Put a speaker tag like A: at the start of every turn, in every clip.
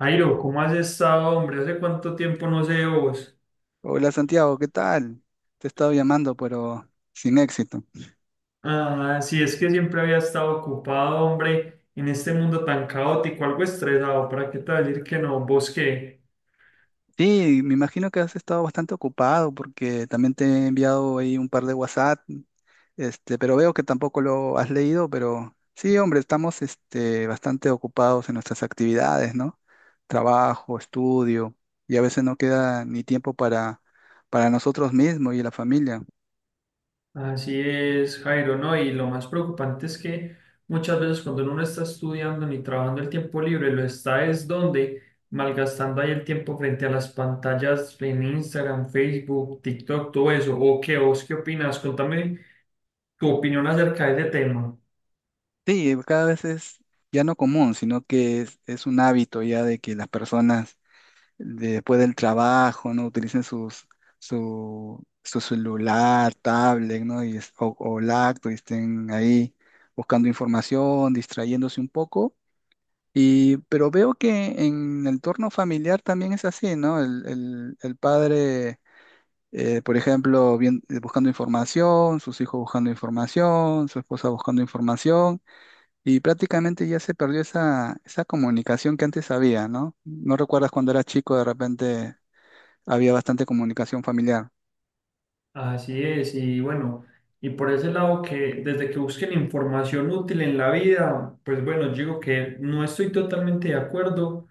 A: Jairo, ¿cómo has estado, hombre? ¿Hace cuánto tiempo no sé de vos?
B: Hola Santiago, ¿qué tal? Te he estado llamando, pero sin éxito.
A: Ah, sí, es que siempre había estado ocupado, hombre, en este mundo tan caótico, algo estresado, ¿para qué te voy a decir que no? ¿Vos qué?
B: Sí, me imagino que has estado bastante ocupado porque también te he enviado ahí un par de WhatsApp, pero veo que tampoco lo has leído, pero sí, hombre, estamos bastante ocupados en nuestras actividades, ¿no? Trabajo, estudio, y a veces no queda ni tiempo para nosotros mismos y la familia.
A: Así es, Jairo, ¿no? Y lo más preocupante es que muchas veces cuando uno no está estudiando ni trabajando el tiempo libre, lo está es donde malgastando ahí el tiempo frente a las pantallas en Instagram, Facebook, TikTok, todo eso. ¿O qué? ¿Vos qué opinas? Contame tu opinión acerca de ese tema.
B: Sí, cada vez es ya no común, sino que es un hábito ya de que las personas después del trabajo, ¿no? Utilicen su celular, tablet, ¿no? Y, o laptop y estén ahí buscando información, distrayéndose un poco. Y, pero veo que en el entorno familiar también es así, ¿no? El padre, por ejemplo, buscando información, sus hijos buscando información, su esposa buscando información, y prácticamente ya se perdió esa comunicación que antes había, ¿no? ¿No recuerdas cuando era chico de repente había bastante comunicación familiar?
A: Así es, y bueno, y por ese lado que desde que busquen información útil en la vida, pues bueno, yo digo que no estoy totalmente de acuerdo,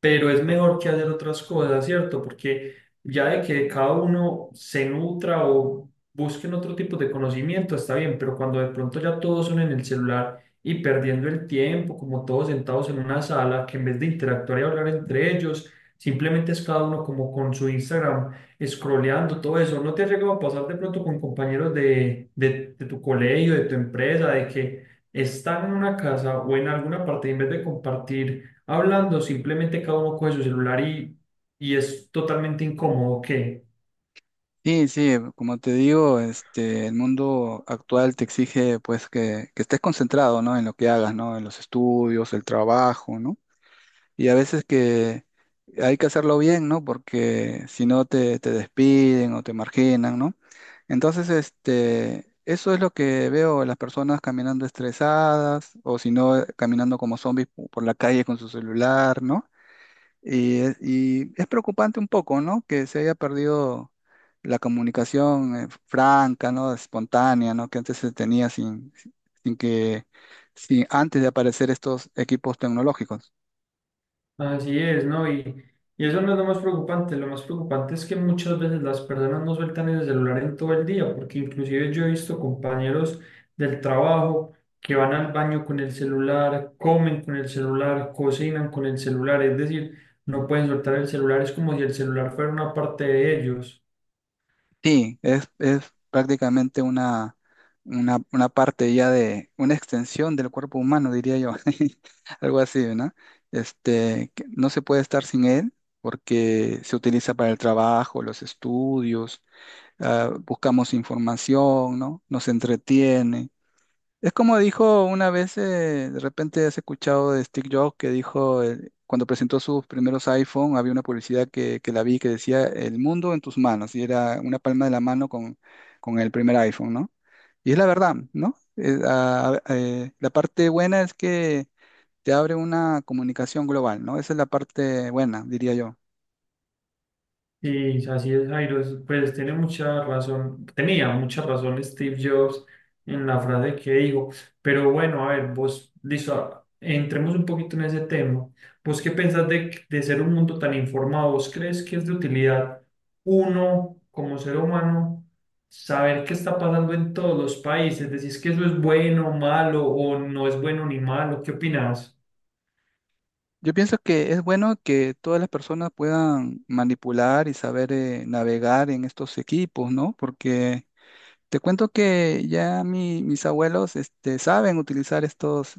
A: pero es mejor que hacer otras cosas, ¿cierto? Porque ya de que cada uno se nutra o busquen otro tipo de conocimiento, está bien, pero cuando de pronto ya todos son en el celular y perdiendo el tiempo, como todos sentados en una sala, que en vez de interactuar y hablar entre ellos, simplemente es cada uno como con su Instagram scrolleando todo eso. ¿No te ha llegado a pasar de pronto con compañeros de tu colegio, de tu empresa, de que están en una casa o en alguna parte y en vez de compartir hablando, simplemente cada uno coge su celular y es totalmente incómodo? ¿Qué?
B: Sí, sí, como te digo, el mundo actual te exige pues que estés concentrado, ¿no? En lo que hagas, ¿no? En los estudios, el trabajo, ¿no? Y a veces que hay que hacerlo bien, ¿no? Porque si no te despiden o te marginan, ¿no? Entonces, eso es lo que veo, las personas caminando estresadas o si no, caminando como zombies por la calle con su celular, ¿no? Y, y es preocupante un poco, ¿no? Que se haya perdido la comunicación franca, ¿no? Espontánea, ¿no? Que antes se tenía sin que, sin, antes de aparecer estos equipos tecnológicos.
A: Así es, ¿no? Y eso no es lo más preocupante. Lo más preocupante es que muchas veces las personas no sueltan el celular en todo el día, porque inclusive yo he visto compañeros del trabajo que van al baño con el celular, comen con el celular, cocinan con el celular, es decir, no pueden soltar el celular, es como si el celular fuera una parte de ellos.
B: Sí, es prácticamente una parte ya de, una extensión del cuerpo humano, diría yo. Algo así, ¿no? Que no se puede estar sin él porque se utiliza para el trabajo, los estudios, ah, buscamos información, ¿no? Nos entretiene. Es como dijo una vez, de repente has escuchado de Steve Jobs que dijo, cuando presentó sus primeros iPhone, había una publicidad que la vi que decía, el mundo en tus manos, y era una palma de la mano con el primer iPhone, ¿no? Y es la verdad, ¿no? La parte buena es que te abre una comunicación global, ¿no? Esa es la parte buena, diría yo.
A: Sí, así es, Jairo, es- pues tiene mucha razón, tenía mucha razón Steve Jobs en la frase que dijo, pero bueno, a ver, vos, listo, a- entremos un poquito en ese tema. ¿Vos qué pensás de ser un mundo tan informado? ¿Vos crees que es de utilidad uno como ser humano saber qué está pasando en todos los países? ¿Decís que eso es bueno, malo o no es bueno ni malo? ¿Qué opinás?
B: Yo pienso que es bueno que todas las personas puedan manipular y saber navegar en estos equipos, ¿no? Porque te cuento que ya mis abuelos saben utilizar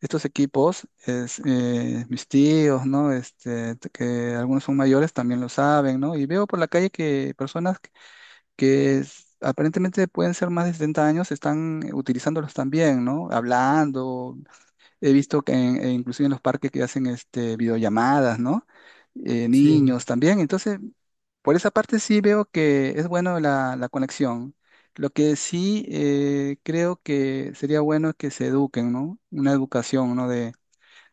B: estos equipos, es, mis tíos, ¿no? Que algunos son mayores también lo saben, ¿no? Y veo por la calle que personas que aparentemente pueden ser más de 70 años están utilizándolos también, ¿no? Hablando, he visto que e inclusive en los parques que hacen videollamadas, ¿no?
A: Sí.
B: Niños también. Entonces, por esa parte sí veo que es bueno la conexión. Lo que sí, creo que sería bueno es que se eduquen, ¿no? Una educación, ¿no?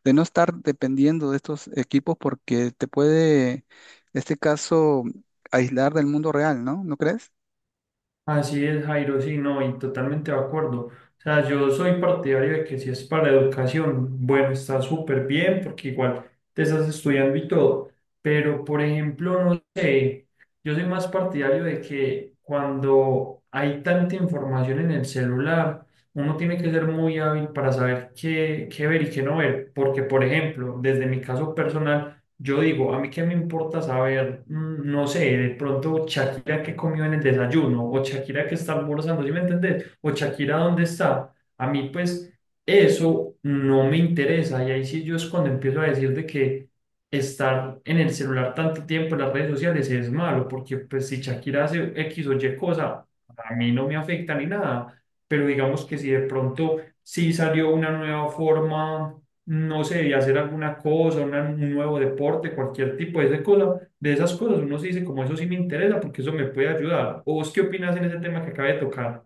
B: De no estar dependiendo de estos equipos porque te puede, en este caso, aislar del mundo real, ¿no? ¿No crees?
A: Así es, Jairo, sí, no, y totalmente de acuerdo. O sea, yo soy partidario de que si es para educación, bueno, está súper bien, porque igual te estás estudiando y todo. Pero, por ejemplo, no sé, yo soy más partidario de que cuando hay tanta información en el celular, uno tiene que ser muy hábil para saber qué ver y qué no ver. Porque, por ejemplo, desde mi caso personal, yo digo, a mí qué me importa saber, no sé, de pronto Shakira qué comió en el desayuno, o Shakira qué está almorzando, ¿sí me entendés? O Shakira dónde está. A mí, pues, eso no me interesa. Y ahí sí yo es cuando empiezo a decir de que estar en el celular tanto tiempo en las redes sociales es malo, porque pues si Shakira hace X o Y cosa, a mí no me afecta ni nada. Pero digamos que si de pronto sí salió una nueva forma no sé, y hacer alguna cosa, una- un nuevo deporte, cualquier tipo de, esa cosa, de esas cosas, uno se dice como eso sí me interesa porque eso me puede ayudar. ¿O vos qué opinas en ese tema que acabé de tocar?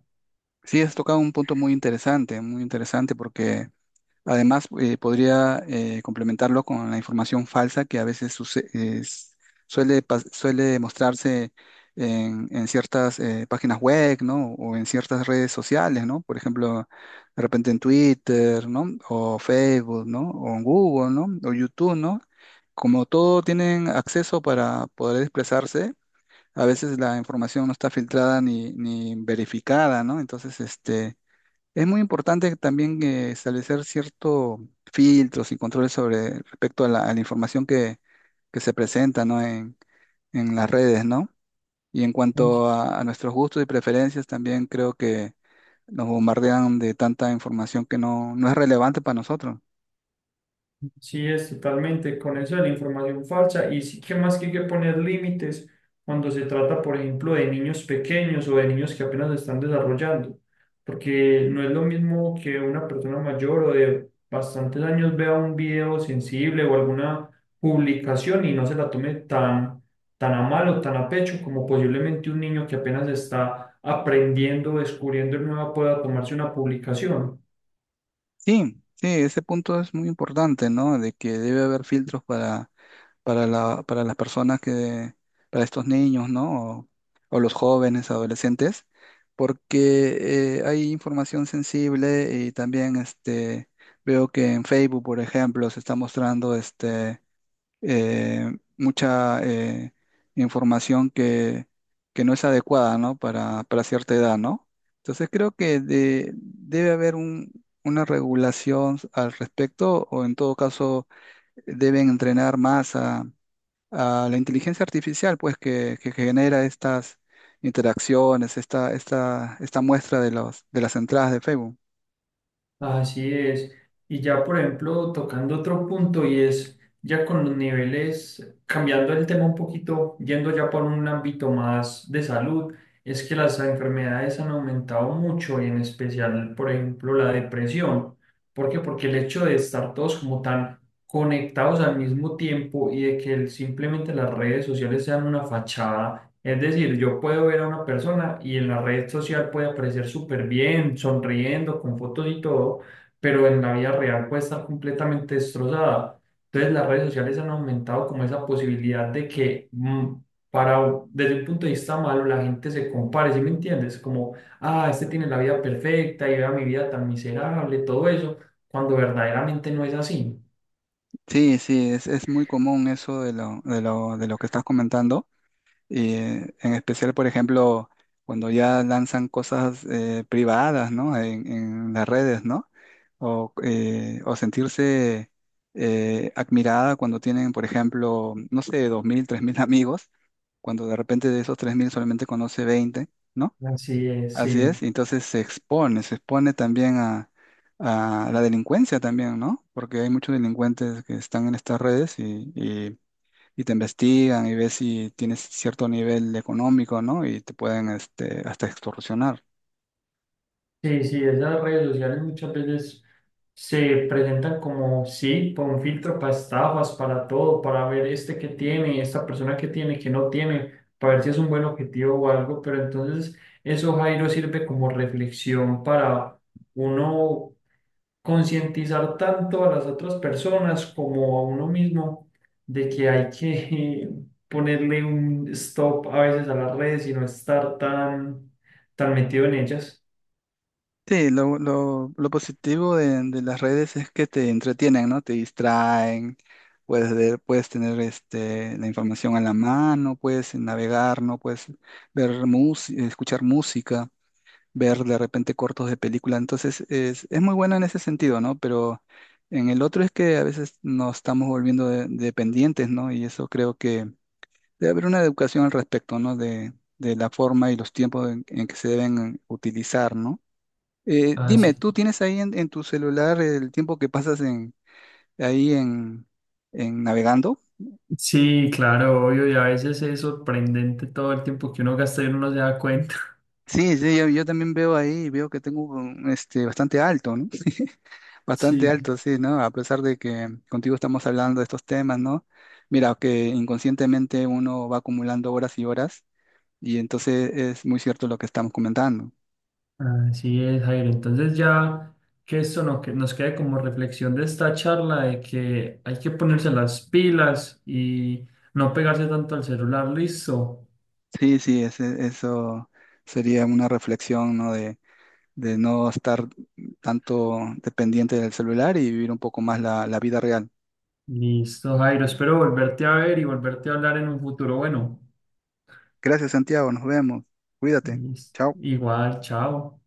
B: Sí, has tocado un punto muy interesante porque además, podría complementarlo con la información falsa que a veces suele mostrarse en ciertas páginas web, ¿no? O en ciertas redes sociales, ¿no? Por ejemplo, de repente en Twitter, ¿no? O Facebook, ¿no? O en Google, ¿no? O YouTube, ¿no? Como todo tienen acceso para poder expresarse, a veces la información no está filtrada ni verificada, ¿no? Entonces, este, es muy importante también establecer ciertos filtros y controles sobre respecto a a la información que se presenta, ¿no? En las redes, ¿no? Y en cuanto a nuestros gustos y preferencias, también creo que nos bombardean de tanta información que no es relevante para nosotros.
A: Sí, es totalmente con eso de la información falsa y sí que más que hay que poner límites cuando se trata, por ejemplo, de niños pequeños o de niños que apenas se están desarrollando, porque no es lo mismo que una persona mayor o de bastantes años vea un video sensible o alguna publicación y no se la tome tan, tan a mal o tan a pecho como posiblemente un niño que apenas está aprendiendo, descubriendo y nueva pueda tomarse una publicación.
B: Sí, sí, ese punto es muy importante, ¿no? De que debe haber filtros para para las personas para estos niños, ¿no? O los jóvenes, adolescentes, porque hay información sensible y también este, veo que en Facebook, por ejemplo, se está mostrando mucha información que no es adecuada, ¿no? Para cierta edad, ¿no? Entonces creo que debe haber una regulación al respecto o en todo caso deben entrenar más a la inteligencia artificial, pues, que genera estas interacciones, esta muestra de los, de las entradas de Facebook.
A: Así es. Y ya, por ejemplo, tocando otro punto y es ya con los niveles, cambiando el tema un poquito, yendo ya por un ámbito más de salud, es que las enfermedades han aumentado mucho y en especial, por ejemplo, la depresión. ¿Por qué? Porque el hecho de estar todos como tan conectados al mismo tiempo y de que el- simplemente las redes sociales sean una fachada es decir, yo puedo ver a una persona y en la red social puede aparecer súper bien, sonriendo, con fotos y todo, pero en la vida real puede estar completamente destrozada. Entonces las redes sociales han aumentado como esa posibilidad de que para, desde un punto de vista malo la gente se compare, ¿sí me entiendes? Como, ah, este tiene la vida perfecta y vea mi vida tan miserable, todo eso, cuando verdaderamente no es así.
B: Sí, sí, es muy común eso de de lo que estás comentando. Y en especial, por ejemplo, cuando ya lanzan cosas privadas, ¿no? En las redes, ¿no? O sentirse admirada cuando tienen, por ejemplo, no sé, 2.000, 3.000 amigos, cuando de repente de esos 3.000 solamente conoce 20, ¿no?
A: Así es,
B: Así es,
A: sí.
B: y entonces se expone también a la delincuencia también, ¿no? Porque hay muchos delincuentes que están en estas redes y te investigan y ves si tienes cierto nivel económico, ¿no? Y te pueden hasta extorsionar.
A: Sí, sí, esas redes sociales muchas veces se presentan como, sí, con un filtro para estafas, para todo, para ver este que tiene, esta persona que tiene, que no tiene, para ver si es un buen objetivo o algo, pero entonces eso, Jairo, sirve como reflexión para uno concientizar tanto a las otras personas como a uno mismo de que hay que ponerle un stop a veces a las redes y no estar tan, tan metido en ellas.
B: Sí, lo positivo de las redes es que te entretienen, ¿no? Te distraen, puedes ver, puedes tener la información a la mano, puedes navegar, ¿no? Puedes ver música, escuchar música, ver de repente cortos de película. Entonces es muy bueno en ese sentido, ¿no? Pero en el otro es que a veces nos estamos volviendo dependientes, ¿no? Y eso creo que debe haber una educación al respecto, ¿no? De la forma y los tiempos en que se deben utilizar, ¿no? Dime,
A: Así
B: ¿tú tienes ahí en tu celular el tiempo que pasas ahí en, en navegando?
A: sí, claro, obvio, y a veces es sorprendente todo el tiempo que uno gasta y uno no se da cuenta.
B: Sí, sí, yo también veo ahí, veo que tengo bastante alto, ¿no? Bastante
A: Sí,
B: alto, sí, ¿no? A pesar de que contigo estamos hablando de estos temas, ¿no? Mira, que inconscientemente uno va acumulando horas y horas y entonces es muy cierto lo que estamos comentando.
A: así es, Jairo. Entonces ya que esto no, que nos quede como reflexión de esta charla de que hay que ponerse las pilas y no pegarse tanto al celular, listo.
B: Sí, sí, eso sería una reflexión, ¿no? De no estar tanto dependiente del celular y vivir un poco más la vida real.
A: Listo, Jairo. Espero volverte a ver y volverte a hablar en un futuro. Bueno,
B: Gracias, Santiago, nos vemos. Cuídate.
A: listo.
B: Chao.
A: Igual, chao.